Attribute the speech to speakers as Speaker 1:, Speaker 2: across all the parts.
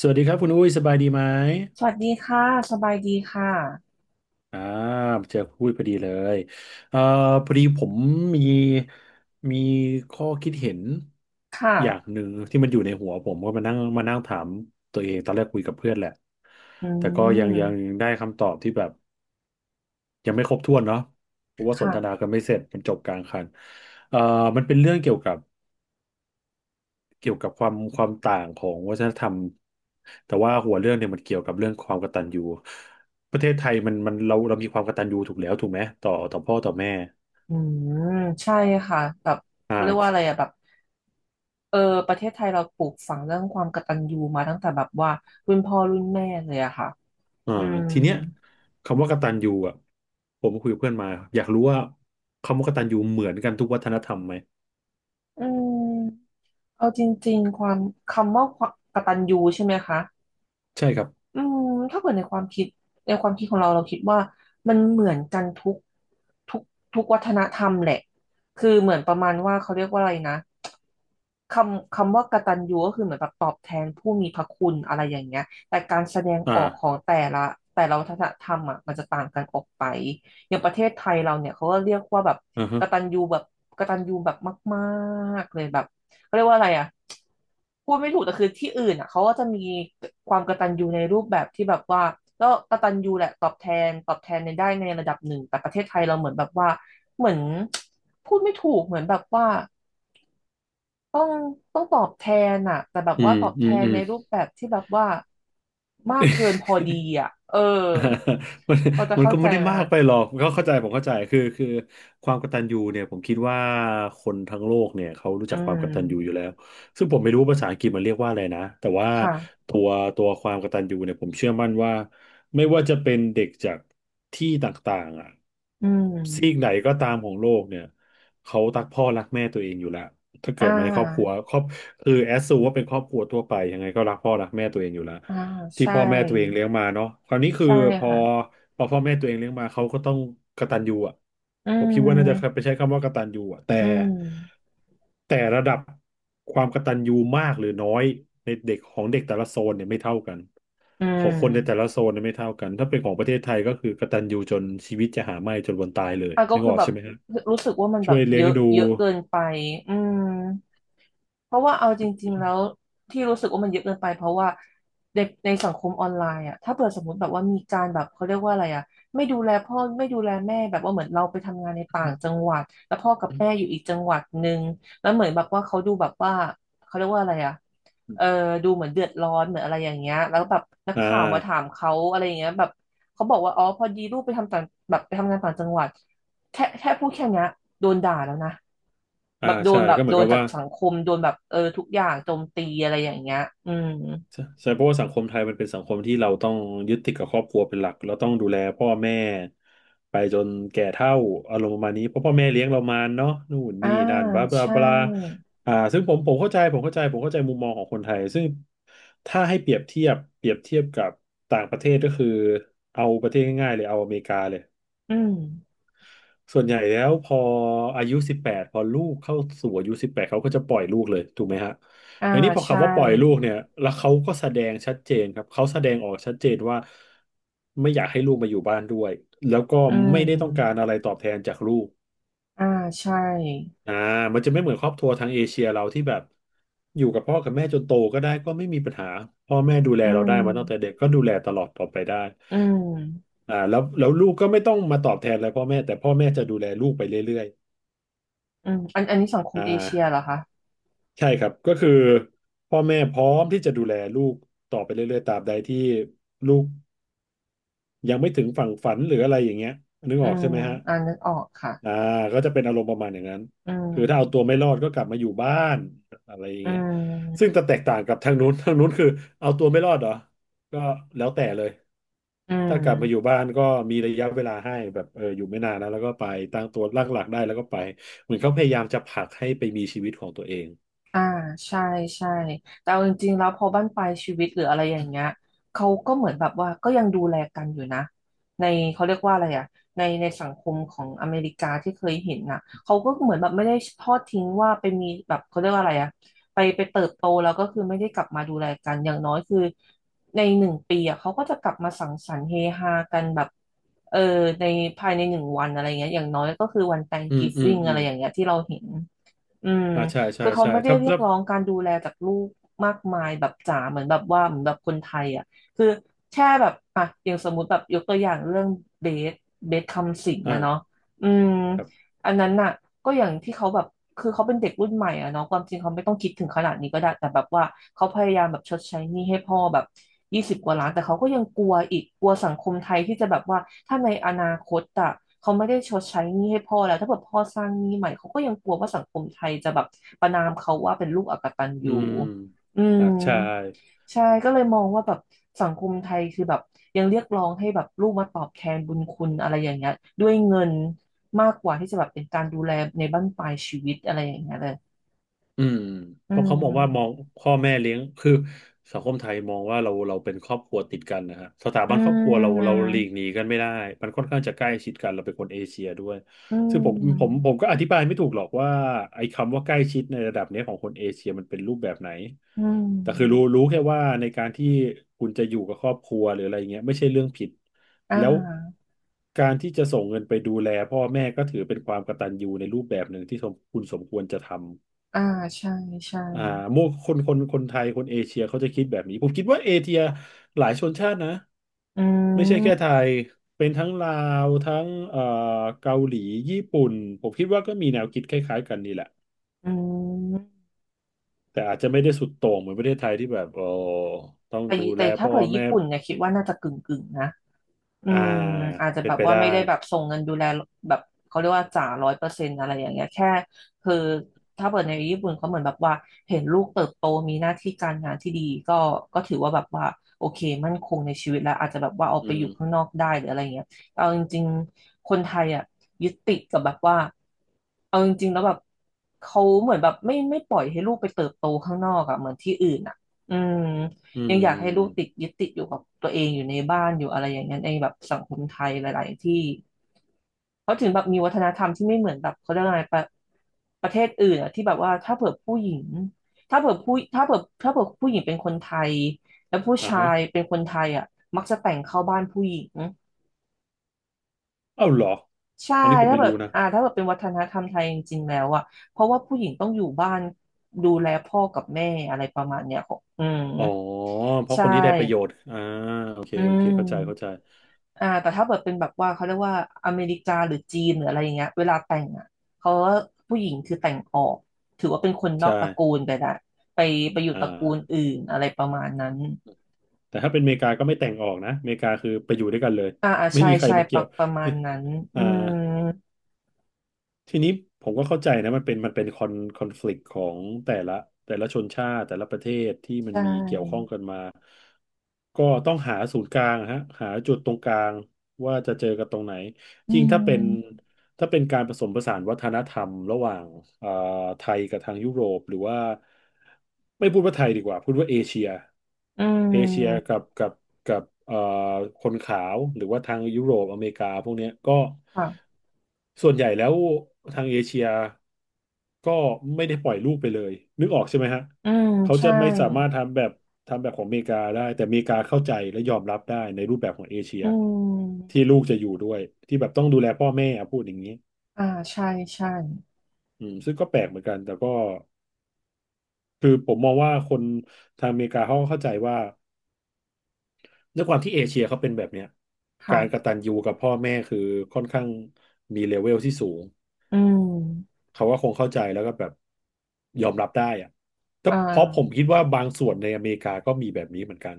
Speaker 1: สวัสดีครับคุณอุ้ยสบายดีไหม
Speaker 2: สวัสดีค่ะ สบายดีค่ะ
Speaker 1: อ่าเจอคุณอุ้ยพอดีเลยเอ่อพอดีผมมีมีข้อคิดเห็น
Speaker 2: ค
Speaker 1: อย่าง
Speaker 2: ่ะ
Speaker 1: หนึ่งที่มันอยู่ในหัวผมก็มานั่งถามตัวเองตอนแรกคุยกับเพื่อนแหละ
Speaker 2: อื
Speaker 1: แต่ก็ยัง
Speaker 2: ม
Speaker 1: ได้คำตอบที่แบบยังไม่ครบถ้วนเนาะเพราะว่าสนทนา
Speaker 2: ค่ะ
Speaker 1: กันไม่เสร็จมันจบกลางคันเอ่อมันเป็นเรื่องเกี่ยวกับ เกี่ยวกับความต่างของวัฒนธรรมแต่ว่าหัวเรื่องเนี่ยมันเกี่ยวกับเรื่องความกตัญญูประเทศไทยมันเรามีความกตัญญูถูกแล้วถูกไหมต่อพ่อต่อแม่
Speaker 2: อืมใช่ค่ะ แบบ
Speaker 1: อ่
Speaker 2: เขาเรียกว่าอะไร
Speaker 1: า
Speaker 2: อะแบบ เออ ประเทศไทยเราปลูกฝังเรื่องความกตัญญูมาตั้งแต่แบบว่ารุ่นพ่อรุ่นแม่เลยอะค่ะ
Speaker 1: อ่า
Speaker 2: อืม
Speaker 1: ทีเนี้ยคำว่ากตัญญูอ่ะผมคุยกับเพื่อนมาอยากรู้ว่าคำว่ากตัญญูเหมือนกันทุกวัฒนธรรมไหม
Speaker 2: อืมเอาจริงๆ ความคำว่าความกตัญญูใช่ไหมคะ
Speaker 1: ใช่ครับ
Speaker 2: อืมถ้าเกิดในความคิดของเราคิดว่ามันเหมือนกันทุกทุกวัฒนธรรมแหละคือเหมือนประมาณว่าเขาเรียกว่าอะไรนะคำว่ากตัญญูก็คือเหมือนแบบตอบแทนผู้มีพระคุณอะไรอย่างเงี้ยแต่การแสดง
Speaker 1: อ่า
Speaker 2: ออกของแต่ละวัฒนธรรมอ่ะมันจะต่างกันออกไปอย่างประเทศไทยเราเนี่ยเขาก็เรียกว่าแบบ
Speaker 1: อ่าฮะ
Speaker 2: กตัญญูแบบกตัญญูแบบมากๆเลยแบบ เขาเรียกว่าอะไรอ่ะพูดไม่ถูกแต่คือที่อื่นอ่ะเขาก็จะมีความกตัญญูในรูปแบบที่แบบว่าก็กตัญญูแหละตอบแทนในได้ในระดับหนึ่งแต่ประเทศไทยเราเหมือนแบบว่าเหมือนพูดไม่ถูกเหมือนแบบว่าต้องต้องตอบแทนอ่ะแต่แบบ
Speaker 1: อื
Speaker 2: ว่า
Speaker 1: ม
Speaker 2: ตอบแท
Speaker 1: อืม
Speaker 2: น
Speaker 1: อื
Speaker 2: ใน
Speaker 1: ม
Speaker 2: รูปแบบที่แบบว่ามากเกินพอดีอ่ะ
Speaker 1: มัน
Speaker 2: พอจะ
Speaker 1: มัน
Speaker 2: เข้า
Speaker 1: ก็
Speaker 2: ใจ
Speaker 1: ไม่ได้
Speaker 2: ไหม
Speaker 1: มาก
Speaker 2: คะ
Speaker 1: ไปหรอกก็เข้าใจผมเข้าใจคือความกตัญญูเนี่ยผมคิดว่าคนทั้งโลกเนี่ยเขารู้
Speaker 2: อื
Speaker 1: จักความก
Speaker 2: ม
Speaker 1: ตัญญูอยู่แล้วซึ่งผมไม่รู้ว่าภาษาอังกฤษมันเรียกว่าอะไรนะแต่ว่า
Speaker 2: ค่ะ
Speaker 1: ตัวตัวความกตัญญูเนี่ยผมเชื่อมั่นว่าไม่ว่าจะเป็นเด็กจากที่ต่างๆอ่ะ
Speaker 2: อื
Speaker 1: ซีก
Speaker 2: ม
Speaker 1: ไหนก็ตามของโลกเนี่ยเขารักพ่อรักแม่ตัวเองอยู่แล้วถ้า
Speaker 2: อ่
Speaker 1: เกิดมาในครอบครั
Speaker 2: า
Speaker 1: วครอบคือแอสซูว่าเป็นครอบครัวทั่วไปยังไงก็รักพ่อรักแม่ตัวเองอยู่แล้ว
Speaker 2: อ่า
Speaker 1: ที่
Speaker 2: ใช่
Speaker 1: พ่อแม่ตัวเองเลี้ยงมาเนาะคราวนี้คือ
Speaker 2: ใช่
Speaker 1: พอ
Speaker 2: ค่ะ
Speaker 1: พอพ่อแม่ตัวเองเลี้ยงมาเขาก็ต้องกตัญญูอ่ะ
Speaker 2: อื
Speaker 1: ผมคิดว่าน่าจะไป
Speaker 2: ม
Speaker 1: ใช้คำว่ากตัญญูอ่ะแต่
Speaker 2: อืม
Speaker 1: แต่ระดับความกตัญญูมากหรือน้อยในเด็กของเด็กแต่ละโซนเนี่ยไม่เท่ากัน
Speaker 2: อื
Speaker 1: ของคนในแต่ละ
Speaker 2: ม
Speaker 1: โซนเนี่ยไม่เท่ากันถ้าเป็นของประเทศไทยก็คือกตัญญูจนชีวิตจะหาไม่จนวันตายเลย
Speaker 2: อ่ะก็
Speaker 1: นึก
Speaker 2: คื
Speaker 1: อ
Speaker 2: อ
Speaker 1: อก
Speaker 2: แบบ
Speaker 1: ใช่ไหมครับ
Speaker 2: รู้สึกว่ามันแบ
Speaker 1: ช่ว
Speaker 2: บ
Speaker 1: ยเลี้
Speaker 2: เย
Speaker 1: ยง
Speaker 2: อะ
Speaker 1: ดู
Speaker 2: เยอะเกินไปอืม เพราะว่าเอาจริงๆแล้วที่รู้สึกว่ามันเยอะเกินไปเพราะว่าเด็กในสังคมออนไลน์อ่ะถ้าเปิดสมมติแบบว่ามีการแบบเขาเรียกว่าอะไรอ่ะไม่ดูแลพ่อไม่ดูแลแม่แบบว่าเหมือนเราไปทำงานในต่างจังหวัดแล้วพ่อกับแม่อยู่อีกจังหวัดหนึ่งแล้วเหมือนแบบว่าเขาดูแบบว่าเขาเรียกว่าอะไรอ่ะเออดูเหมือนเดือดร้อนเหมือนอะไรอย่างเงี้ยแล้วแบบนัก
Speaker 1: อ่
Speaker 2: ข่าวมาถาม
Speaker 1: า
Speaker 2: เขาอะไรอย่างเงี้ยแบบเขาบอกว่าอ๋อพอดีลูกไปทำต่างแบบไปทำงานต่างจังหวัด แค่พูดแค่เนี้ยโดนด่าแล้วนะแบ
Speaker 1: อ่า
Speaker 2: บโด
Speaker 1: ใช่
Speaker 2: น
Speaker 1: ก็เหมือนกับ
Speaker 2: จาก
Speaker 1: ว่า
Speaker 2: สังคมโดนแบบทุกอย่างโจมตีอะไรอย่างเงี้ยอืม
Speaker 1: ใช่ใช่เพราะว่าสังคมไทยมันเป็นสังคมที่เราต้องยึดติดกับครอบครัวเป็นหลักเราต้องดูแลพ่อแม่ไปจนแก่เฒ่าอารมณ์ประมาณนี้เพราะพ่อแม่เลี้ยงเรามาเนาะนู่น
Speaker 2: อ่า
Speaker 1: นี่นั่นบลาบลา
Speaker 2: ใช่
Speaker 1: บลาอ่าซึ่งผมเข้าใจผมเข้าใจผมเข้าใจมุมมองของคนไทยซึ่งถ้าให้เปรียบเทียบเปรียบเทียบกับต่างประเทศก็คือเอาประเทศง่ายๆเลยเอาอเมริกาเลย
Speaker 2: อืม
Speaker 1: ส่วนใหญ่แล้วพออายุ18พอลูกเข้าสู่อายุสิบแปดเขาก็จะปล่อยลูกเลยถูกไหมฮะ
Speaker 2: อ่า
Speaker 1: ในนี้พอ
Speaker 2: ใช่
Speaker 1: คำว่าปล่อยลูกเนี่ยแล้วเขาก็แสดงชัดเจนครับเขาแสดงออกชัดเจนว่าไม่อยากให้ลูกมาอยู่บ้านด้วยแล้วก็
Speaker 2: อื
Speaker 1: ไม่ได้ต้องการ
Speaker 2: ม
Speaker 1: อะไรตอบแทนจากลูก
Speaker 2: อ่าใช่
Speaker 1: อ่ามันจะไม่เหมือนครอบครัวทางเอเชียเราที่แบบอยู่กับพ่อกับแม่จนโตก็ได้ก็ไม่มีปัญหาพ่อแม่ดูแล
Speaker 2: อื
Speaker 1: เราได้
Speaker 2: ม
Speaker 1: มาตั้งแต่เด็กก็ดูแลตลอดต่อไปได้
Speaker 2: อืม
Speaker 1: อ่าแล้วลูกก็ไม่ต้องมาตอบแทนอะไรพ่อแม่แต่พ่อแม่จะดูแลลูกไปเรื่อย
Speaker 2: อืมอันนี้สังค
Speaker 1: ๆ
Speaker 2: ม
Speaker 1: อ่า
Speaker 2: เอเชียเหรอคะ
Speaker 1: ใช่ครับก็คือพ่อแม่พร้อมที่จะดูแลลูกต่อไปเรื่อยๆตราบใดที่ลูกยังไม่ถึงฝั่งฝันหรืออะไรอย่างเงี้ยนึก
Speaker 2: อื
Speaker 1: ออก
Speaker 2: ม
Speaker 1: ใช่ไหมฮะ
Speaker 2: อ่านึกออกค่ะ
Speaker 1: อ่าก็จะเป็นอารมณ์ประมาณอย่างนั้น
Speaker 2: อื
Speaker 1: คือถ้าเอาตัว
Speaker 2: ม
Speaker 1: ไม่รอดก็กลับมาอยู่บ้านอะไรอย่าง
Speaker 2: อื
Speaker 1: เงี้ยซึ่ง
Speaker 2: ม
Speaker 1: จะแตกต่างกับทางนู้น ทางนู้นคือเอาตัวไม่รอดเหรอก็แล้วแต่เลย
Speaker 2: อื
Speaker 1: ถ้ากลับมาอยู่
Speaker 2: ม
Speaker 1: บ้านก็มีระยะเวลาให้แบบเอออยู่ไม่นานนะแล้วก็ไปตั้งตัวตั้งหลักได้แล้วก็ไปเหมือนเขาพยายามจะผลักให้ไปมีชีวิตของตัวเอง
Speaker 2: อ่าใช่ใช่แต่เอาจริงๆแล้วพอบ้านปลายชีวิตหรืออะไรอย่างเงี้ยเขาก็เหมือนแบบว่าก็ยังดูแลกันอยู่นะในเขาเรียกว่าอะไรอ่ะในสังคมของอเมริกาที่เคยเห็นน่ะเขาก็เหมือนแบบไม่ได้ทอดทิ้งว่าไปมีแบบเขาเรียกว่าอะไรอ่ะไปเติบโตแล้วก็คือไม่ได้กลับมาดูแลกันอย่างน้อยคือในหนึ่งปีอ่ะเขาก็จะกลับมาสังสรรค์เฮฮากันแบบเออในภายในหนึ่งวันอะไรเงี้ยอย่างน้อยก็คือวัน
Speaker 1: อืมอืม
Speaker 2: Thanksgiving
Speaker 1: อื
Speaker 2: อะไร
Speaker 1: ม
Speaker 2: อย่างเงี้ยที่เราเห็น อืม
Speaker 1: อ่าใช่ใช่
Speaker 2: คือเขา
Speaker 1: ใช่
Speaker 2: ไม่ได้
Speaker 1: ถ้า
Speaker 2: เรียก
Speaker 1: ถ้า
Speaker 2: ร้องการดูแลจากลูกมากมายแบบจ๋าเหมือนแบบว่าเหมือนแบบคนไทยอ่ะคือแค่แบบอ่ะอย่างสมมุติแบบยกตัวอย่างเรื่องเบสเบสคำสิงห์อะเนาะ
Speaker 1: อ่า
Speaker 2: อืม
Speaker 1: ครับ
Speaker 2: อันนั้นน่ะ ก็อย่างที่เขาแบบคือเขาเป็นเด็กรุ่นใหม่อะเนาะความจริงเขาไม่ต้องคิดถึงขนาดนี้ก็ได้แต่แบบว่าเขาพยายามแบบชดใช้หนี้ให้พ่อแบบ20 กว่าล้านแต่เขาก็ยังกลัวอีกกลัวสังคมไทยที่จะแบบว่าถ้าในอนาคตอะเขาไม่ได้ชดใช้หนี้ให้พ่อแล้วถ้าแบบพ่อสร้างหนี้ใหม่เขาก็ยังกลัวว่าสังคมไทยจะแบบประณามเขาว่าเป็นลูกอกตัญ
Speaker 1: อื
Speaker 2: ญู
Speaker 1: ม
Speaker 2: อื
Speaker 1: อ่า
Speaker 2: ม
Speaker 1: ใช่
Speaker 2: ใช่ก็เลยมองว่าแบบสังคมไทยคือแบบยังเรียกร้องให้แบบลูกมาตอบแทนบุญคุณอะไรอย่างเงี้ยด้วยเงิน มากกว่าที่จะแบบเป็นการดูแลในบั้นปลายชีวิตอะไรอย่างเงี้ยเลย
Speaker 1: อืม
Speaker 2: อื
Speaker 1: เพราะเขามองว่ามอง
Speaker 2: ม
Speaker 1: พ่อแม่เลี้ยงคือสังคมไทยมองว่าเราเป็นครอบครัวติดกันนะฮะสถา
Speaker 2: อื
Speaker 1: บันครอบครัวเรา
Speaker 2: ม
Speaker 1: หลีกหนีกันไม่ได้มันค่อนข้างจะใกล้ชิดกันเราเป็นคนเอเชียด้วย
Speaker 2: อื
Speaker 1: ซึ่งผมผม
Speaker 2: ม
Speaker 1: ผมก็อธิบายไม่ถูกหรอกว่าไอ้คำว่าใกล้ชิดในระดับเนี้ยของคนเอเชียมันเป็นรูปแบบไหน
Speaker 2: อื
Speaker 1: แต่คือรู้
Speaker 2: ม
Speaker 1: รู้แค่ว่าในการที่คุณจะอยู่กับครอบครัวหรืออะไรเงี้ยไม่ใช่เรื่องผิด
Speaker 2: อ่
Speaker 1: แล้ว
Speaker 2: า
Speaker 1: การที่จะส่งเงินไปดูแลพ่อแม่ก็ถือเป็นความกตัญญูในรูปแบบหนึ่งที่สมคุณสมควรจะทำ
Speaker 2: อ่า ใช่ ใช่
Speaker 1: อ่าโมคนไทยคนเอเชียเขาจะคิดแบบนี้ผมคิดว่าเอเชียหลายชนชาตินะ
Speaker 2: อื
Speaker 1: ไม่ใช่
Speaker 2: ม
Speaker 1: แค่ไทยเป็นทั้งลาวทั้งเกาหลีญี่ปุ่นผมคิดว่าก็มีแนวคิดคล้ายๆกันนี่แหละ
Speaker 2: อืม
Speaker 1: แต่อาจจะไม่ได้สุดโต่งเหมือนประเทศไทยที่แบบโอ้ต้องดูแล
Speaker 2: แต่ถ้า
Speaker 1: พ่อ
Speaker 2: เผื่อญี่
Speaker 1: แม่
Speaker 2: ปุ่นเนี่ยคิดว่าน่าจะกึ่งนะ อื
Speaker 1: อ่า
Speaker 2: มอาจจะ
Speaker 1: เป็
Speaker 2: แบ
Speaker 1: น
Speaker 2: บ
Speaker 1: ไป
Speaker 2: ว่า
Speaker 1: ได้
Speaker 2: ไม่ได้แบบส่งเงินดูแลแบบเขาเรียกว่าจ่า100%อะไรอย่างเงี้ยแค่คือถ้าเปิดในญี่ปุ่นเขาเหมือนแบบว่าเห็นลูกเติบโตมีหน้าที่การงานที่ดีก็ก็ถือว่าแบบว่าโอเคมั่นคงในชีวิตแล้วอาจจะแบบว่าเอา
Speaker 1: อื
Speaker 2: ไปอ
Speaker 1: ม
Speaker 2: ยู่ข้างนอกได้หรืออะไรเงี้ยแต่เอาจริงๆคนไทยอ่ะยึดติดกับแบบว่าเอาจริงๆแล้วแบบเขาเหมือนแบบไม่ปล่อยให้ลูกไปเติบโตข้างนอกอ่ะเหมือนที่อื่นอ่ะอืม
Speaker 1: อื
Speaker 2: ยังอยากให้ลูกติด
Speaker 1: ม
Speaker 2: ยึดติดอยู่กับตัวเองอยู่ในบ้านอยู่อะไรอย่างเงี้ยในแบบสังคมไทยหลายๆที่เขาถึงแบบมีวัฒนธรรมที่ไม่เหมือนแบบเขาเรียกว่าอะไงประประเทศอื่นอะที่แบบว่าถ้าเผื่อผู้หญิงถ้าเผื่อผู้ถ้าเผื่อผู้หญิงเป็นคนไทยแล้วผู้
Speaker 1: อ่า
Speaker 2: ชา
Speaker 1: ฮะ
Speaker 2: ยเป็นคนไทยอะมักจะแต่งเข้าบ้านผู้หญิง
Speaker 1: เอ้าเหรอ
Speaker 2: ใช่
Speaker 1: อันนี้ผม
Speaker 2: ถ้า
Speaker 1: ไม่
Speaker 2: แบบ
Speaker 1: รู้นะ
Speaker 2: ถ้าแบบเป็นวัฒนธรรมไทยจริงๆแล้วอะเพราะว่าผู้หญิงต้องอยู่บ้านดูแลพ่อกับแม่อะไรประมาณเนี้ยของอืม
Speaker 1: อ๋อเพราะ
Speaker 2: ใช่
Speaker 1: คนที่ได้ประโยชน์อ่าโอเค
Speaker 2: อื
Speaker 1: โอ
Speaker 2: ม
Speaker 1: เคเข้าใจเข้าใจ
Speaker 2: อ่าแต่ถ้าเกิดเป็นแบบว่าเขาเรียกว่าอเมริกาหรือจีนหรืออะไรอย่างเงี้ยเวลาแต่งอ่ะเขาว่าผู้หญิงคือแต่งออกถือว่าเป็นคนนอกตระกู
Speaker 1: ใช่
Speaker 2: ลไปละไปไปอยู่
Speaker 1: อ่
Speaker 2: ตระกูล
Speaker 1: า
Speaker 2: อื่นอะไรประมาณนั้น
Speaker 1: แต่ถ้าเป็นอเมริกาก็ไม่แต่งออกนะอเมริกาคือไปอยู่ด้วยกันเลย
Speaker 2: อ่าอ่า
Speaker 1: ไม่
Speaker 2: ใช่
Speaker 1: มีใคร
Speaker 2: ใช่
Speaker 1: มา
Speaker 2: ป
Speaker 1: เกี่
Speaker 2: ระ
Speaker 1: ยว
Speaker 2: ประมาณนั้น อื
Speaker 1: อ่า
Speaker 2: ม
Speaker 1: ทีนี้ผมก็เข้าใจนะมันเป็นคอนคอน FLICT ของแต่ละแต่ละชนชาติแต่ละประเทศที่
Speaker 2: ใช
Speaker 1: มันมีเกี่ยวข้อง
Speaker 2: ่
Speaker 1: กันมาก็ต้องหาศูนย์กลางฮะหาจุดตรงกลางว่าจะเจอกันตรงไหน
Speaker 2: อื
Speaker 1: ยิ่งถ้าเป็น
Speaker 2: ม
Speaker 1: ถ้าเป็นการผสมผสานวัฒนธรรมระหว่างเอ่อไทยกับทางยุโรปหรือว่าไม่พูดว่าไทยดีกว่าพูดว่าเอเชีย
Speaker 2: อื
Speaker 1: เอเชีย
Speaker 2: ม
Speaker 1: กับกับคนขาวหรือว่าทางยุโรปอเมริกาพวกเนี้ยก็
Speaker 2: ค่ะ
Speaker 1: ส่วนใหญ่แล้วทางเอเชียก็ไม่ได้ปล่อยลูกไปเลยนึกออกใช่ไหมฮะ
Speaker 2: อืม
Speaker 1: เขาจะ
Speaker 2: ใช่
Speaker 1: ไม่สามารถทำแบบทำแบบของอเมริกาได้แต่อเมริกาเข้าใจและยอมรับได้ในรูปแบบของเอเชีย
Speaker 2: อืม
Speaker 1: ที่ลูกจะอยู่ด้วยที่แบบต้องดูแลพ่อแม่อะพูดอย่างนี้
Speaker 2: อ่าใช่ใช่
Speaker 1: อืมซึ่งก็แปลกเหมือนกันแต่ก็คือผมมองว่าคนทางอเมริกาเขาก็เข้าใจว่าด้วยความที่เอเชียเขาเป็นแบบเนี้ยการก
Speaker 2: ค่ะ
Speaker 1: ตัญญูกับพ่อแม่คือค่อนข้างมีเลเวลที่สูง
Speaker 2: อืม
Speaker 1: เขาก็คงเข้าใจแล้วก็แบบยอมรับได้อะแต่
Speaker 2: อ่
Speaker 1: เพราะผมคิ
Speaker 2: า
Speaker 1: ดว่าบางส่วนในอเมริกาก็มีแบบนี้เหมือนกัน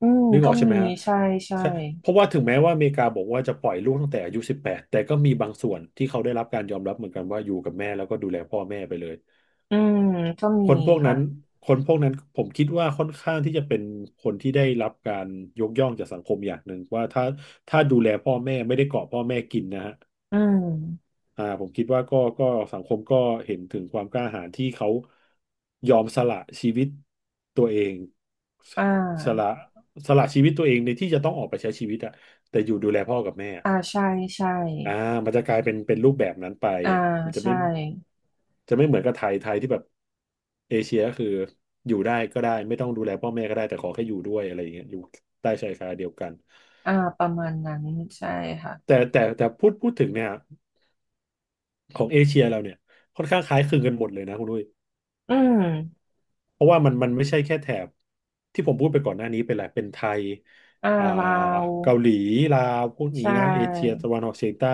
Speaker 2: อืม
Speaker 1: นึกอ
Speaker 2: ก็
Speaker 1: อกใช่ไห
Speaker 2: มี
Speaker 1: มฮะ
Speaker 2: ใช่ใช่
Speaker 1: ใช่เพราะว่าถึงแม้ว่าอเมริกาบอกว่าจะปล่อยลูกตั้งแต่อายุสิบแปดแต่ก็มีบางส่วนที่เขาได้รับการยอมรับเหมือนกันว่าอยู่กับแม่แล้วก็ดูแลพ่อแม่ไปเลย
Speaker 2: อืมก็มี
Speaker 1: คนพวก
Speaker 2: ค่ะ
Speaker 1: นั้นคนพวกนั้นผมคิดว่าค่อนข้างที่จะเป็นคนที่ได้รับการยกย่องจากสังคมอย่างหนึ่งว่าถ้าถ้าดูแลพ่อแม่ไม่ได้เกาะพ่อแม่กินนะฮะ
Speaker 2: อืม
Speaker 1: อ่าผมคิดว่าก็สังคมก็เห็นถึงความกล้าหาญที่เขายอมสละชีวิตตัวเอง
Speaker 2: อ่
Speaker 1: สละ
Speaker 2: า
Speaker 1: สละชีวิตตัวเองในที่จะต้องออกไปใช้ชีวิตอะแต่อยู่ดูแลพ่อกับแม่
Speaker 2: อ่าใช่ใช่
Speaker 1: อ่ามันจะกลายเป็นเป็นรูปแบบนั้นไป
Speaker 2: อ่า
Speaker 1: มันจะ
Speaker 2: ใช่
Speaker 1: ไม่จะไม่เหมือนกับไทยไทยที่แบบเอเชียก็คืออยู่ได้ก็ได้ไม่ต้องดูแลพ่อแม่ก็ได้แต่ขอแค่อยู่ด้วยอะไรอย่างเงี้ยอยู่ใต้ชายคาเดียวกัน
Speaker 2: อ่าประมาณนั้นใช่ค่ะ
Speaker 1: แต่พูดถึงเนี่ยของเอเชียเราเนี่ยค่อนข้างคล้ายคลึงกันหมดเลยนะคุณด้ย
Speaker 2: อืม
Speaker 1: เพราะว่ามันไม่ใช่แค่แถบที่ผมพูดไปก่อนหน้านี้ไปแหละเป็นไทย
Speaker 2: อ่า
Speaker 1: อ่า
Speaker 2: ลาว
Speaker 1: เกาหลีลาวพวก
Speaker 2: ใช
Speaker 1: นี้นะเอเชีย
Speaker 2: ่
Speaker 1: ตะวันออกเฉียงใต้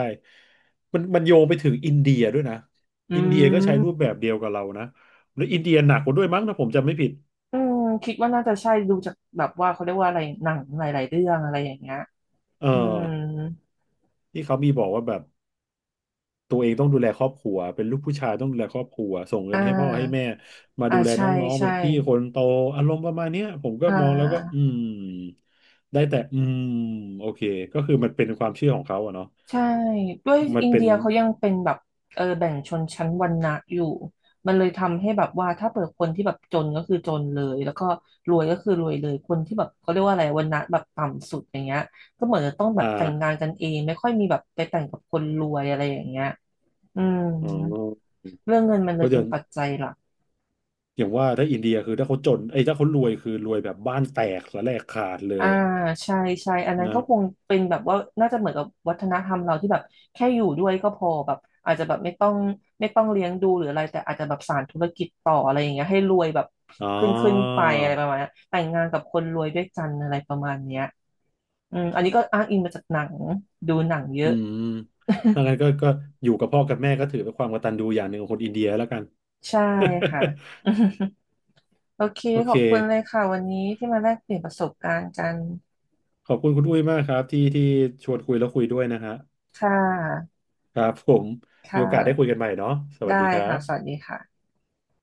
Speaker 1: มันโยงไปถึงอินเดียด้วยนะ
Speaker 2: อื
Speaker 1: อินเดียก็ใช้รูป
Speaker 2: ม
Speaker 1: แบบเดียวกับเรานะแล้วอินเดียหนักกว่าด้วยมั้งถ้าผมจำไม่ผิด
Speaker 2: อืมคิดว่าน่าจะใช่ดูจากแบบว่าเขาเรียกว่าอะไรหนังหลายๆเรื่องอะไรอย่างเงี้ย
Speaker 1: เออ
Speaker 2: อืม
Speaker 1: ที่เขามีบอกว่าแบบ ตัวเองต้องดูแลครอบครัว เป็นลูกผู้ชายต้องดูแลครอบครัว ส่ง
Speaker 2: อ่
Speaker 1: เงินให้พ่อให้แม่
Speaker 2: า
Speaker 1: มา
Speaker 2: อ่า
Speaker 1: ดูแล
Speaker 2: ใช่
Speaker 1: น้องๆเป็
Speaker 2: ใช่
Speaker 1: นพี่คนโตอารมณ์ประมาณเนี้ยผมก็
Speaker 2: อ่
Speaker 1: มองแล้วก็
Speaker 2: า
Speaker 1: อืมได้แต่อืมโอเคก็คือมันเป็นความเชื่อของเขาอะเนาะ
Speaker 2: ใช่ด้วย
Speaker 1: มัน
Speaker 2: อิน
Speaker 1: เป็
Speaker 2: เดี
Speaker 1: น
Speaker 2: ยเขายังเป็นแบบเออแบ่งชนชั้นวรรณะอยู่มันเลยทำให้แบบว่าถ้าเปิดคนที่แบบจนก็คือจนเลยแล้วก็รวยก็คือรวยเลยคนที่แบบเขาเรียกว่าอะไรวรรณะแบบต่ำสุดอย่างเงี้ยก็เหมือนจะต้องแบบ
Speaker 1: อ่า
Speaker 2: แต่งงานกันเองไม่ค่อยมีแบบไปแต่งกับคนรวยอะไรอย่างเงี้ยอืม
Speaker 1: อ๋อ
Speaker 2: เรื่องเงินมัน
Speaker 1: เพ
Speaker 2: เลย
Speaker 1: ราะฉะ
Speaker 2: เป็น
Speaker 1: นั้น
Speaker 2: ปัจจัยหลัก
Speaker 1: อย่างว่าถ้าอินเดียคือถ้าเขาจนไอ้ยถ้าเขารวยคือรวยแบบบ้านแตกสะแลกขาดเล
Speaker 2: อ่า
Speaker 1: ยอะ
Speaker 2: ใช่ใช่อันนั้น
Speaker 1: นะ
Speaker 2: ก็คงเป็นแบบว่าน่าจะเหมือนกับวัฒนธรรมเราที่แบบแค่อยู่ด้วยก็พอแบบอาจจะแบบไม่ต้องเลี้ยงดูหรืออะไรแต่อาจจะแบบสานธุรกิจต่ออะไรอย่างเงี้ยให้รวยแบบ
Speaker 1: อ๋อ
Speaker 2: ขึ้นไปอะไรประมาณเนี้ยแต่งงานกับคนรวยด้วยกันอะไรประมาณเนี้ยอืมอันนี้ก็อ้างอิงมาจากหนังดูหนังเย
Speaker 1: อื
Speaker 2: อะ
Speaker 1: มดังนั้นก็อยู่กับพ่อกับแม่ก็ถือเป็นความกตัญญูอย่างหนึ่งของคนอินเดียแล้วกัน
Speaker 2: ใช่ค่ะ โอเค
Speaker 1: โอ
Speaker 2: ข
Speaker 1: เค
Speaker 2: อบคุณเลยค่ะวันนี้ที่มาแลกเปลี่ยนประสบการณ์กัน
Speaker 1: ขอบคุณคุณอุ้ยมากครับที่ชวนคุยแล้วคุยด้วยนะฮะ
Speaker 2: ค่ะ
Speaker 1: ครับผมมี
Speaker 2: ค่
Speaker 1: โอกาสได้คุย
Speaker 2: ะ
Speaker 1: กันใหม่เนาะสวัสดี
Speaker 2: ได้
Speaker 1: ครั
Speaker 2: ค่ะสวัส
Speaker 1: บ
Speaker 2: ดีค่ะ